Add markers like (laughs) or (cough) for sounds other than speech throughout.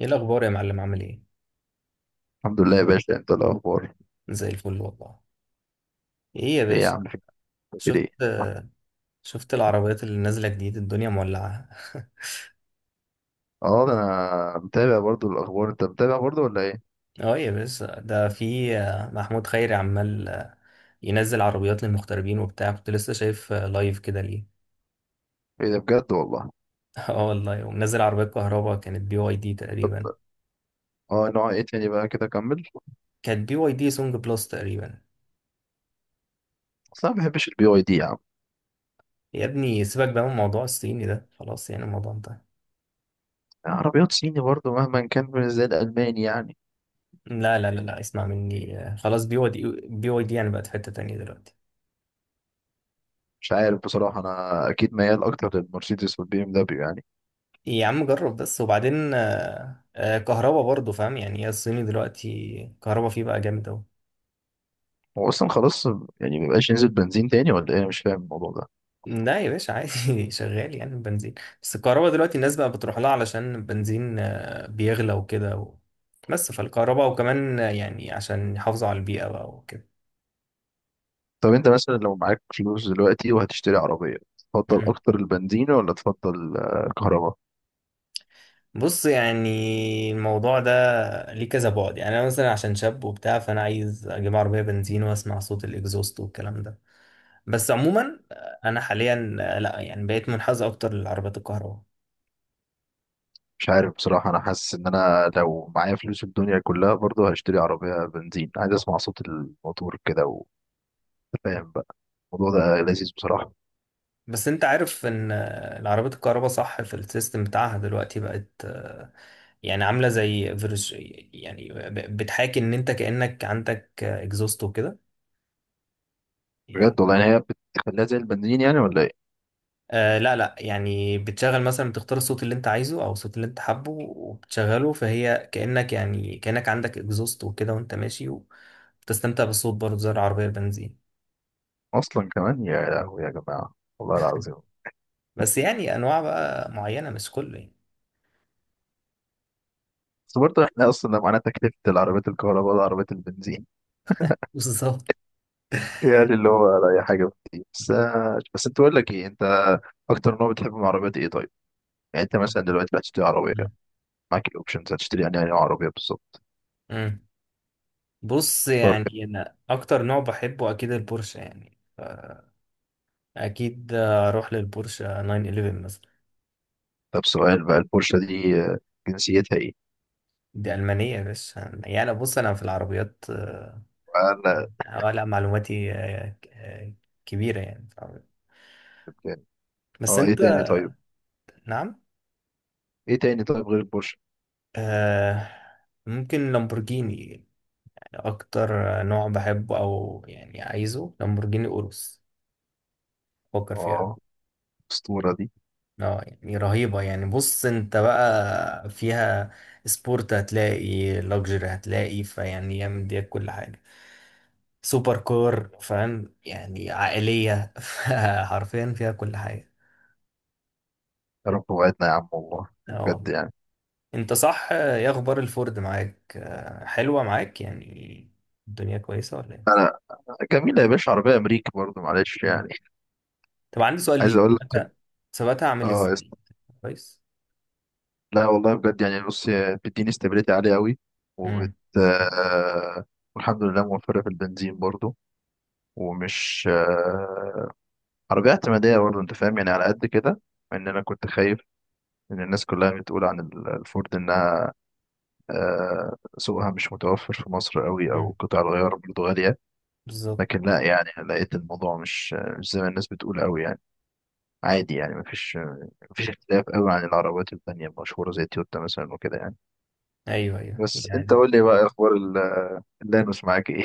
ايه الاخبار يا معلم عامل ايه؟ الحمد لله يا باشا، انت الاخبار؟ زي الفل والله. ايه يا ايه يا باشا؟ عم، في؟ بتعمل شفت ايه؟ شفت العربيات اللي نازله جديد، الدنيا مولعه. (laughs) اه، ده انا متابع برضو الاخبار. انت متابع برضو ولا ايه؟ اه يا باشا، ده في محمود خيري عمال ينزل عربيات للمغتربين وبتاع، كنت لسه شايف لايف كده ليه. ايه ده بجد والله. (laughs) اه والله، ومنزل عربيات كهرباء، كانت بي واي دي تقريبا. اه، نوع ايه تاني بقى كده؟ كمل. كانت بي واي دي سونج بلس تقريبا. اصل انا ما بحبش البي واي دي يا عم. يا ابني سيبك بقى من موضوع الصيني ده، خلاص يعني الموضوع انتهى. عربيات صيني برضو مهما كان مش زي الالماني يعني. لا لا لا لا، اسمع مني خلاص بي واي دي، بي واي دي يعني بقت في حته تانيه دلوقتي. مش عارف بصراحه، انا اكيد ميال اكتر للمرسيدس والبي ام دبليو يعني. إيه، يا عم جرب بس وبعدين كهربا برضه، فاهم يعني، هي الصيني دلوقتي كهربا فيه بقى جامد أوي. هو اصلا خلاص يعني ما بقاش ينزل بنزين تاني ولا ايه؟ انا مش فاهم الموضوع ده. لا يا باشا عادي، (laughs) شغال يعني البنزين، بس الكهربا دلوقتي الناس بقى بتروح لها علشان البنزين بيغلى وكده و... بس فالكهربا، وكمان يعني عشان يحافظوا على البيئة بقى وكده. طب انت مثلا لو معاك فلوس دلوقتي وهتشتري عربيه، تفضل مم. اكتر البنزين ولا تفضل الكهرباء؟ بص يعني الموضوع ده ليه كذا بعد، يعني أنا مثلا عشان شاب وبتاع، فأنا عايز أجيب عربية بنزين وأسمع صوت الإكزوست والكلام ده. بس عموما انا حاليا لا يعني بقيت منحاز اكتر للعربيات الكهرباء. مش عارف بصراحة. أنا حاسس إن أنا لو معايا فلوس الدنيا كلها برضه هشتري عربية بنزين، عايز أسمع صوت الموتور كده وفاهم بقى. الموضوع ده لذيذ بصراحة. بس انت عارف ان العربيات الكهرباء صح، في السيستم بتاعها دلوقتي بقت يعني عامله زي فيرج، يعني بتحاكي ان انت كانك عندك اكزوست وكده، يعني. بجد والله؟ يعني هي بتخليها زي البنزين يعني ولا إيه؟ آه لا لا، يعني بتشغل مثلا، بتختار الصوت اللي انت عايزه او الصوت اللي انت حابه وبتشغله، فهي كانك، يعني كانك عندك اكزوست وكده، وانت ماشي وبتستمتع بالصوت برضه زي العربيه البنزين، أصلا كمان، يا لهوي يا جماعة والله العظيم. بس يعني انواع بقى معينه، مش كله يعني. بس برضه إحنا أصلا لو معانا تكلفة العربيات الكهرباء والعربيات البنزين بالظبط. يعني اللي هو ولا أي حاجة بتجيب. بس، بس أنت، بقول لك إيه، أنت أكتر نوع بتحب من العربيات إيه طيب؟ يعني أنت مثلا دلوقتي بقى تشتري عربية، معاك الأوبشنز، هتشتري يعني أي نوع عربية بالظبط؟ مم. بص يعني انا اكتر نوع بحبه اكيد البورشه يعني. اكيد اروح للبورشه 911 مثلا. طب سؤال بقى، البورشة دي جنسيتها ايه؟ دي المانيه يا باشا، يعني أنا بص، انا في العربيات وأنا يعني لا معلوماتي كبيره يعني في العربيات. لبناني. بس اه، ايه انت. تاني طيب؟ نعم. ايه تاني طيب غير البورشة؟ آه، ممكن لامبورجيني، اكتر نوع بحبه، او يعني عايزه لامبورجيني اوروس، فكر فيها. اه الأسطورة دي. اه يعني رهيبة، يعني بص انت بقى فيها سبورت هتلاقي، لوكسجري هتلاقي، فيعني هي مديك كل حاجة. سوبر كور، فاهم يعني، عائلية، (laughs) حرفيا فيها كل حاجة. يا رب وعدنا يا عم والله. اه بجد والله. يعني. انت صح، ايه اخبار الفورد معاك؟ اه، حلوة معاك يعني، الدنيا كويسة ولا ايه؟ أنا جميلة يا باشا، عربية أمريكي برضه معلش مم. يعني. طب عندي سؤال عايز ليك، أقول لك كده. ثباتها، ثباتها عامل اه يا ازاي؟ اسطى. كويس. لا والله بجد يعني. بص، هي بتديني استابيليتي عالية قوي وبت امم. آه، والحمد لله موفرة في البنزين برضه. ومش آه، عربية اعتمادية برضه، أنت فاهم يعني على قد كده. إن أنا كنت خايف إن الناس كلها بتقول عن الفورد إنها سوقها مش متوفر في مصر قوي امم. او قطع الغيار برضه غالية. بالظبط. لكن لا يعني، لقيت الموضوع مش زي ما الناس بتقول قوي يعني. عادي يعني. مفيش اختلاف قوي عن العربيات التانية المشهورة زي تويوتا مثلا وكده يعني. ايوه ايوه بس انت يعني. قول لي بقى، اخبار اللانوس معاك ايه؟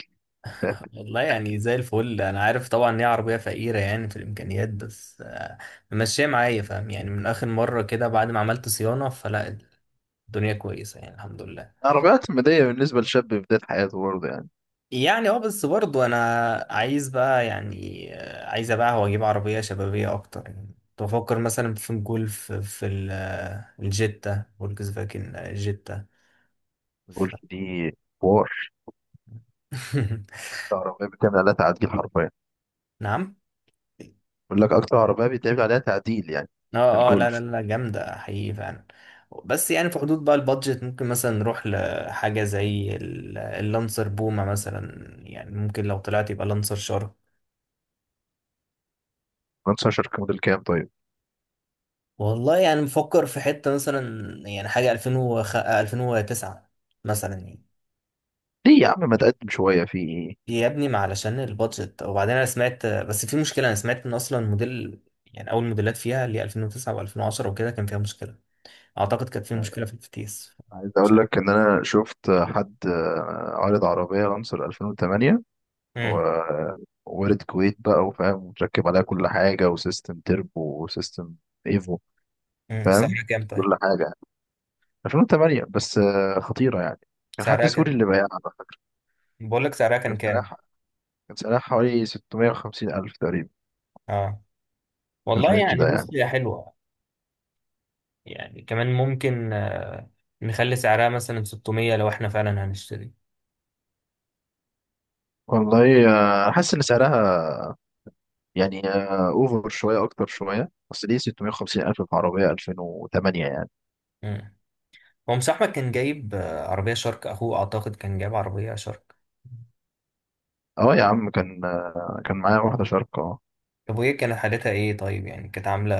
(laughs) والله يعني زي الفل، انا عارف طبعا ان هي عربيه فقيره يعني في الامكانيات، بس ماشيه معايا، فاهم يعني، من اخر مره كده بعد ما عملت صيانه، فلا الدنيا كويسه يعني، الحمد لله. العربيات المدية بالنسبة لشاب في بداية حياته برضه يعني. يعني اه، بس برضو انا عايز بقى، يعني عايز ابيعها واجيب عربيه شبابيه اكتر يعني، كنت بفكر مثلا في الجولف، في الجيتا، فولكس فاجن جيتا، ف... الجولف دي حوار. (laughs) أكتر عربية بتعمل عليها تعديل حرفيا. نعم. بقول لك، أكتر عربية بيتعمل عليها تعديل يعني. اه اه لا لا الجولف لا، جامدة حقيقي فعلا. بس يعني في حدود بقى البادجت، ممكن مثلا نروح لحاجة زي اللانسر بومة مثلا، يعني ممكن لو طلعت يبقى لانسر شارك. 15 موديل كام طيب؟ والله يعني مفكر في حتة مثلا، يعني حاجة 2005 2009 مثلا يعني. ليه يا عم ما تقدم شوية في؟ يا ابني ما علشان البادجت، وبعدين انا سمعت بس في مشكلة، انا سمعت ان اصلا موديل، يعني اول موديلات فيها اللي هي 2009 و2010 وكده كان فيها مشكلة. اعتقد كانت فيها مشكلة في الفتيس، عايز مش اقول عارف. لك ان انا شفت حد عارض عربيه لانسر 2008، امم. ووارد كويت بقى وفاهم ومتركب عليها كل حاجه وسيستم تربو وسيستم ايفو. فاهم؟ سعرها كام طيب؟ كل حاجه 2008 بس خطيره يعني. كان حد سعرها كام؟ سوري اللي بايعها على فكره. بقول لك سعرها كان كان كام. سعرها كان سعرها حوالي 650 الف تقريبا. اه، في والله الرينج يعني ده يعني. بص هي حلوه، يعني كمان ممكن نخلي سعرها مثلا 600 لو احنا فعلا هنشتري. والله حاسس ان سعرها يعني اوفر شويه، اكتر شويه، بس ليه 650 الف في عربيه 2008 يعني؟ مم. هو مش احمد كان جايب عربيه شارك، اخوه اعتقد كان جايب عربيه شارك. اه يا عم كان. كان معايا واحدة شاركة اه. طب وهي كانت حالتها ايه طيب، يعني كانت عامله؟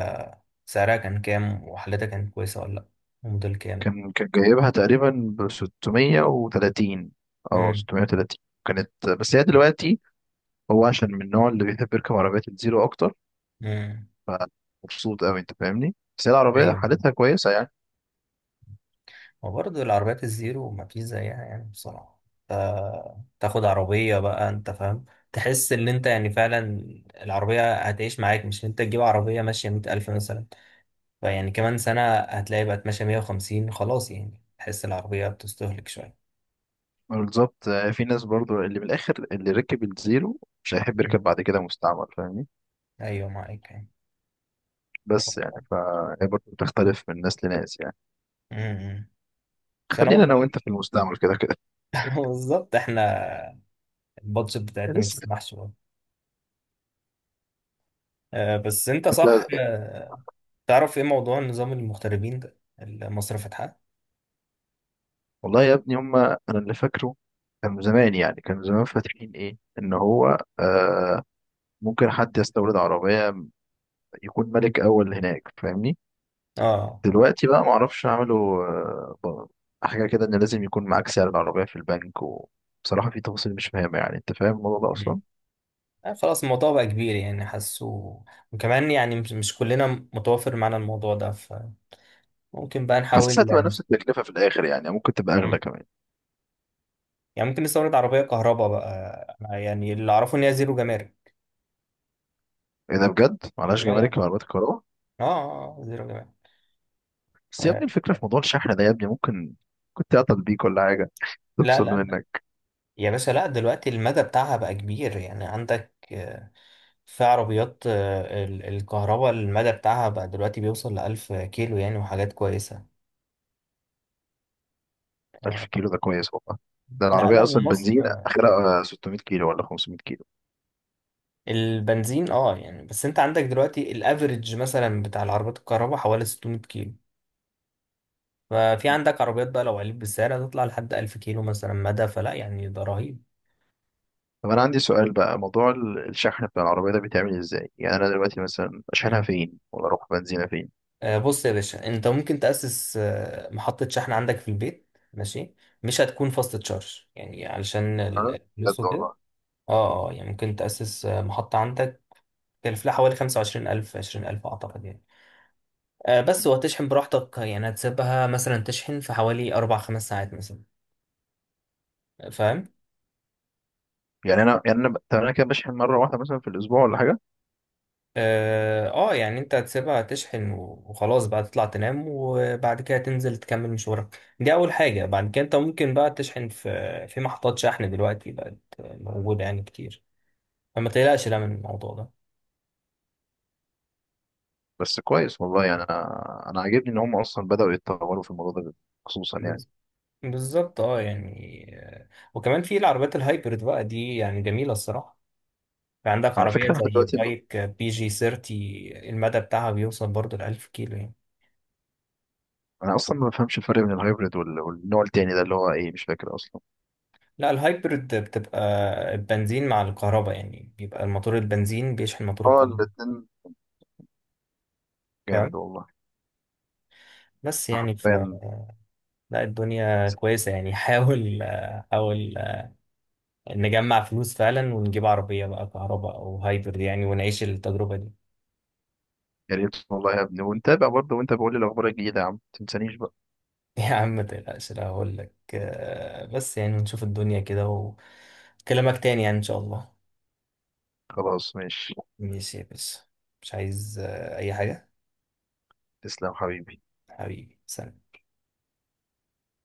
سعرها كان كام، وحالتها كانت كويسه ولا لا، وموديل كام؟ كان جايبها تقريبا ب 630 أو امم. 630. كانت. بس هي دلوقتي هو عشان من النوع اللي بيحب يركب عربية الزيرو أكتر، امم. فمبسوط أوي، أنت فاهمني. بس هي العربية ايوه. حالتها كويسة يعني. وبرضه العربيات الزيرو ما فيش زيها يعني بصراحة. ف- تاخد عربية بقى انت فاهم، تحس ان انت يعني فعلا العربية هتعيش معاك، مش ان انت تجيب عربية ماشية 100,000 مثلا، فيعني كمان سنة هتلاقي بقت ماشية 150، خلاص يعني تحس العربية بتستهلك شوية. بالظبط. في ناس برضو اللي من الآخر اللي ركب الزيرو مش هيحب مم. يركب بعد كده مستعمل، فاهمني؟ أيوة معاك يعني. بس يعني فهي برضو بتختلف من ناس لناس يعني. مم. بس أنا خلينا والله، أنا وأنت في المستعمل كده كده. (laughs) بالظبط، احنا البادجت (laughs) بتاعتنا ما لسه تسمحش برضه. بس انت انت. صح، تعرف ايه موضوع نظام المغتربين ده اللي مصر فاتحاه؟ والله يا ابني هما انا اللي فاكره كان زمان يعني. كان زمان فاتحين ايه، ان هو آه ممكن حد يستورد عربية يكون ملك اول هناك، فاهمني؟ اه. دلوقتي بقى معرفش عملوا آه حاجة كده ان لازم يكون معاك سعر العربية في البنك. وبصراحة في تفاصيل مش فاهمة يعني. انت فاهم الموضوع ده مم. اصلا؟ خلاص الموضوع بقى كبير يعني، حاسه، وكمان يعني مش كلنا متوافر معانا الموضوع ده، فممكن بقى نحاول. حاسسها هتبقى نفس نس- التكلفة في الاخر يعني، ممكن تبقى مم. اغلى كمان. يعني ممكن نستورد عربية كهرباء بقى، أنا يعني اللي أعرفه إن هي زيرو جمارك. ايه ده بجد؟ معلهاش اه جمارك يعني، وعربيات الكهرباء؟ اه زيرو جمارك. بس يا ابني آه، الفكرة في موضوع الشحن ده يا ابني، ممكن كنت اعطل بيك ولا حاجة، لا تفصل لا منك. يا باشا، لا، دلوقتي المدى بتاعها بقى كبير، يعني عندك في عربيات الكهرباء، المدى بتاعها بقى دلوقتي بيوصل لـ1000 كيلو يعني، وحاجات كويسة. 1000 آه، كيلو ده كويس والله. ده لا لا، العربية أصلا بنزين ومصر آخرها 600 كيلو ولا 500 كيلو. البنزين اه يعني، بس انت عندك دلوقتي الافريج مثلا بتاع العربيات الكهرباء حوالي 600 كيلو، ففي عندك عربيات بقى لو عليت بالسعر هتطلع لحد 1000 كيلو مثلا مدى، فلا يعني ده رهيب. طب أنا عندي سؤال بقى، موضوع الشحن بتاع العربية ده بيتعمل إزاي؟ يعني أنا دلوقتي مثلا أشحنها مم. فين؟ ولا أروح بنزينها فين؟ بص يا باشا، انت ممكن تأسس محطة شحن عندك في البيت، ماشي، مش هتكون فاست تشارج يعني علشان أه؟ بجد الفلوس وكده. والله؟ اه اه يعني ممكن تأسس محطة عندك، تكلف لها حوالي 25,000 20,000 أعتقد يعني. بس وهتشحن براحتك، يعني هتسيبها مثلا تشحن في حوالي 4 أو 5 ساعات مثلا، فاهم. يعني أنا طب أنا كده بشحن مرة واحدة مثلا في الأسبوع ولا حاجة؟ اه يعني انت هتسيبها تشحن وخلاص بقى، تطلع تنام، وبعد كده تنزل تكمل مشوارك، دي اول حاجة. بعد كده انت ممكن بقى تشحن في محطات شحن دلوقتي بقت موجودة يعني كتير، فما تقلقش لا من الموضوع ده. بس كويس والله يعني. أنا عاجبني إن هم أصلا بدأوا يتطوروا في الموضوع ده، خصوصا يعني. بز- بالظبط، اه يعني، وكمان في العربيات الهايبرد بقى دي يعني جميلة الصراحة، في عندك أنا على فكرة عربية احنا زي دلوقتي بايك بي جي 30، المدى بتاعها بيوصل برضه لـ1000 كيلو يعني. أنا أصلا ما بفهمش الفرق بين الهايبريد وال- والنوع التاني ده اللي هو إيه مش فاكر أصلا. لا، الهايبرد بتبقى البنزين مع الكهرباء، يعني بيبقى الموتور البنزين بيشحن موتور هو الكهرباء، الاتنين جامد فاهم، والله، بس يعني حرفيا. لا الدنيا كويسة يعني. (laughs) حاول، حاول نجمع فلوس فعلا، ونجيب عربية بقى كهرباء أو هايبرد يعني، ونعيش التجربة دي. يا ريت والله يا ابني، ونتابع برضه. وانت بقول لي الاخبار الجديده يا عم، متنسانيش بقى. (laughs) يا عم ما تقلقش، لا هقول لك بس يعني نشوف الدنيا كده، وكلامك تاني يعني إن شاء الله. خلاص ماشي. ماشي يا باشا، مش عايز أي حاجة. تسلم حبيبي. حبيبي سلام.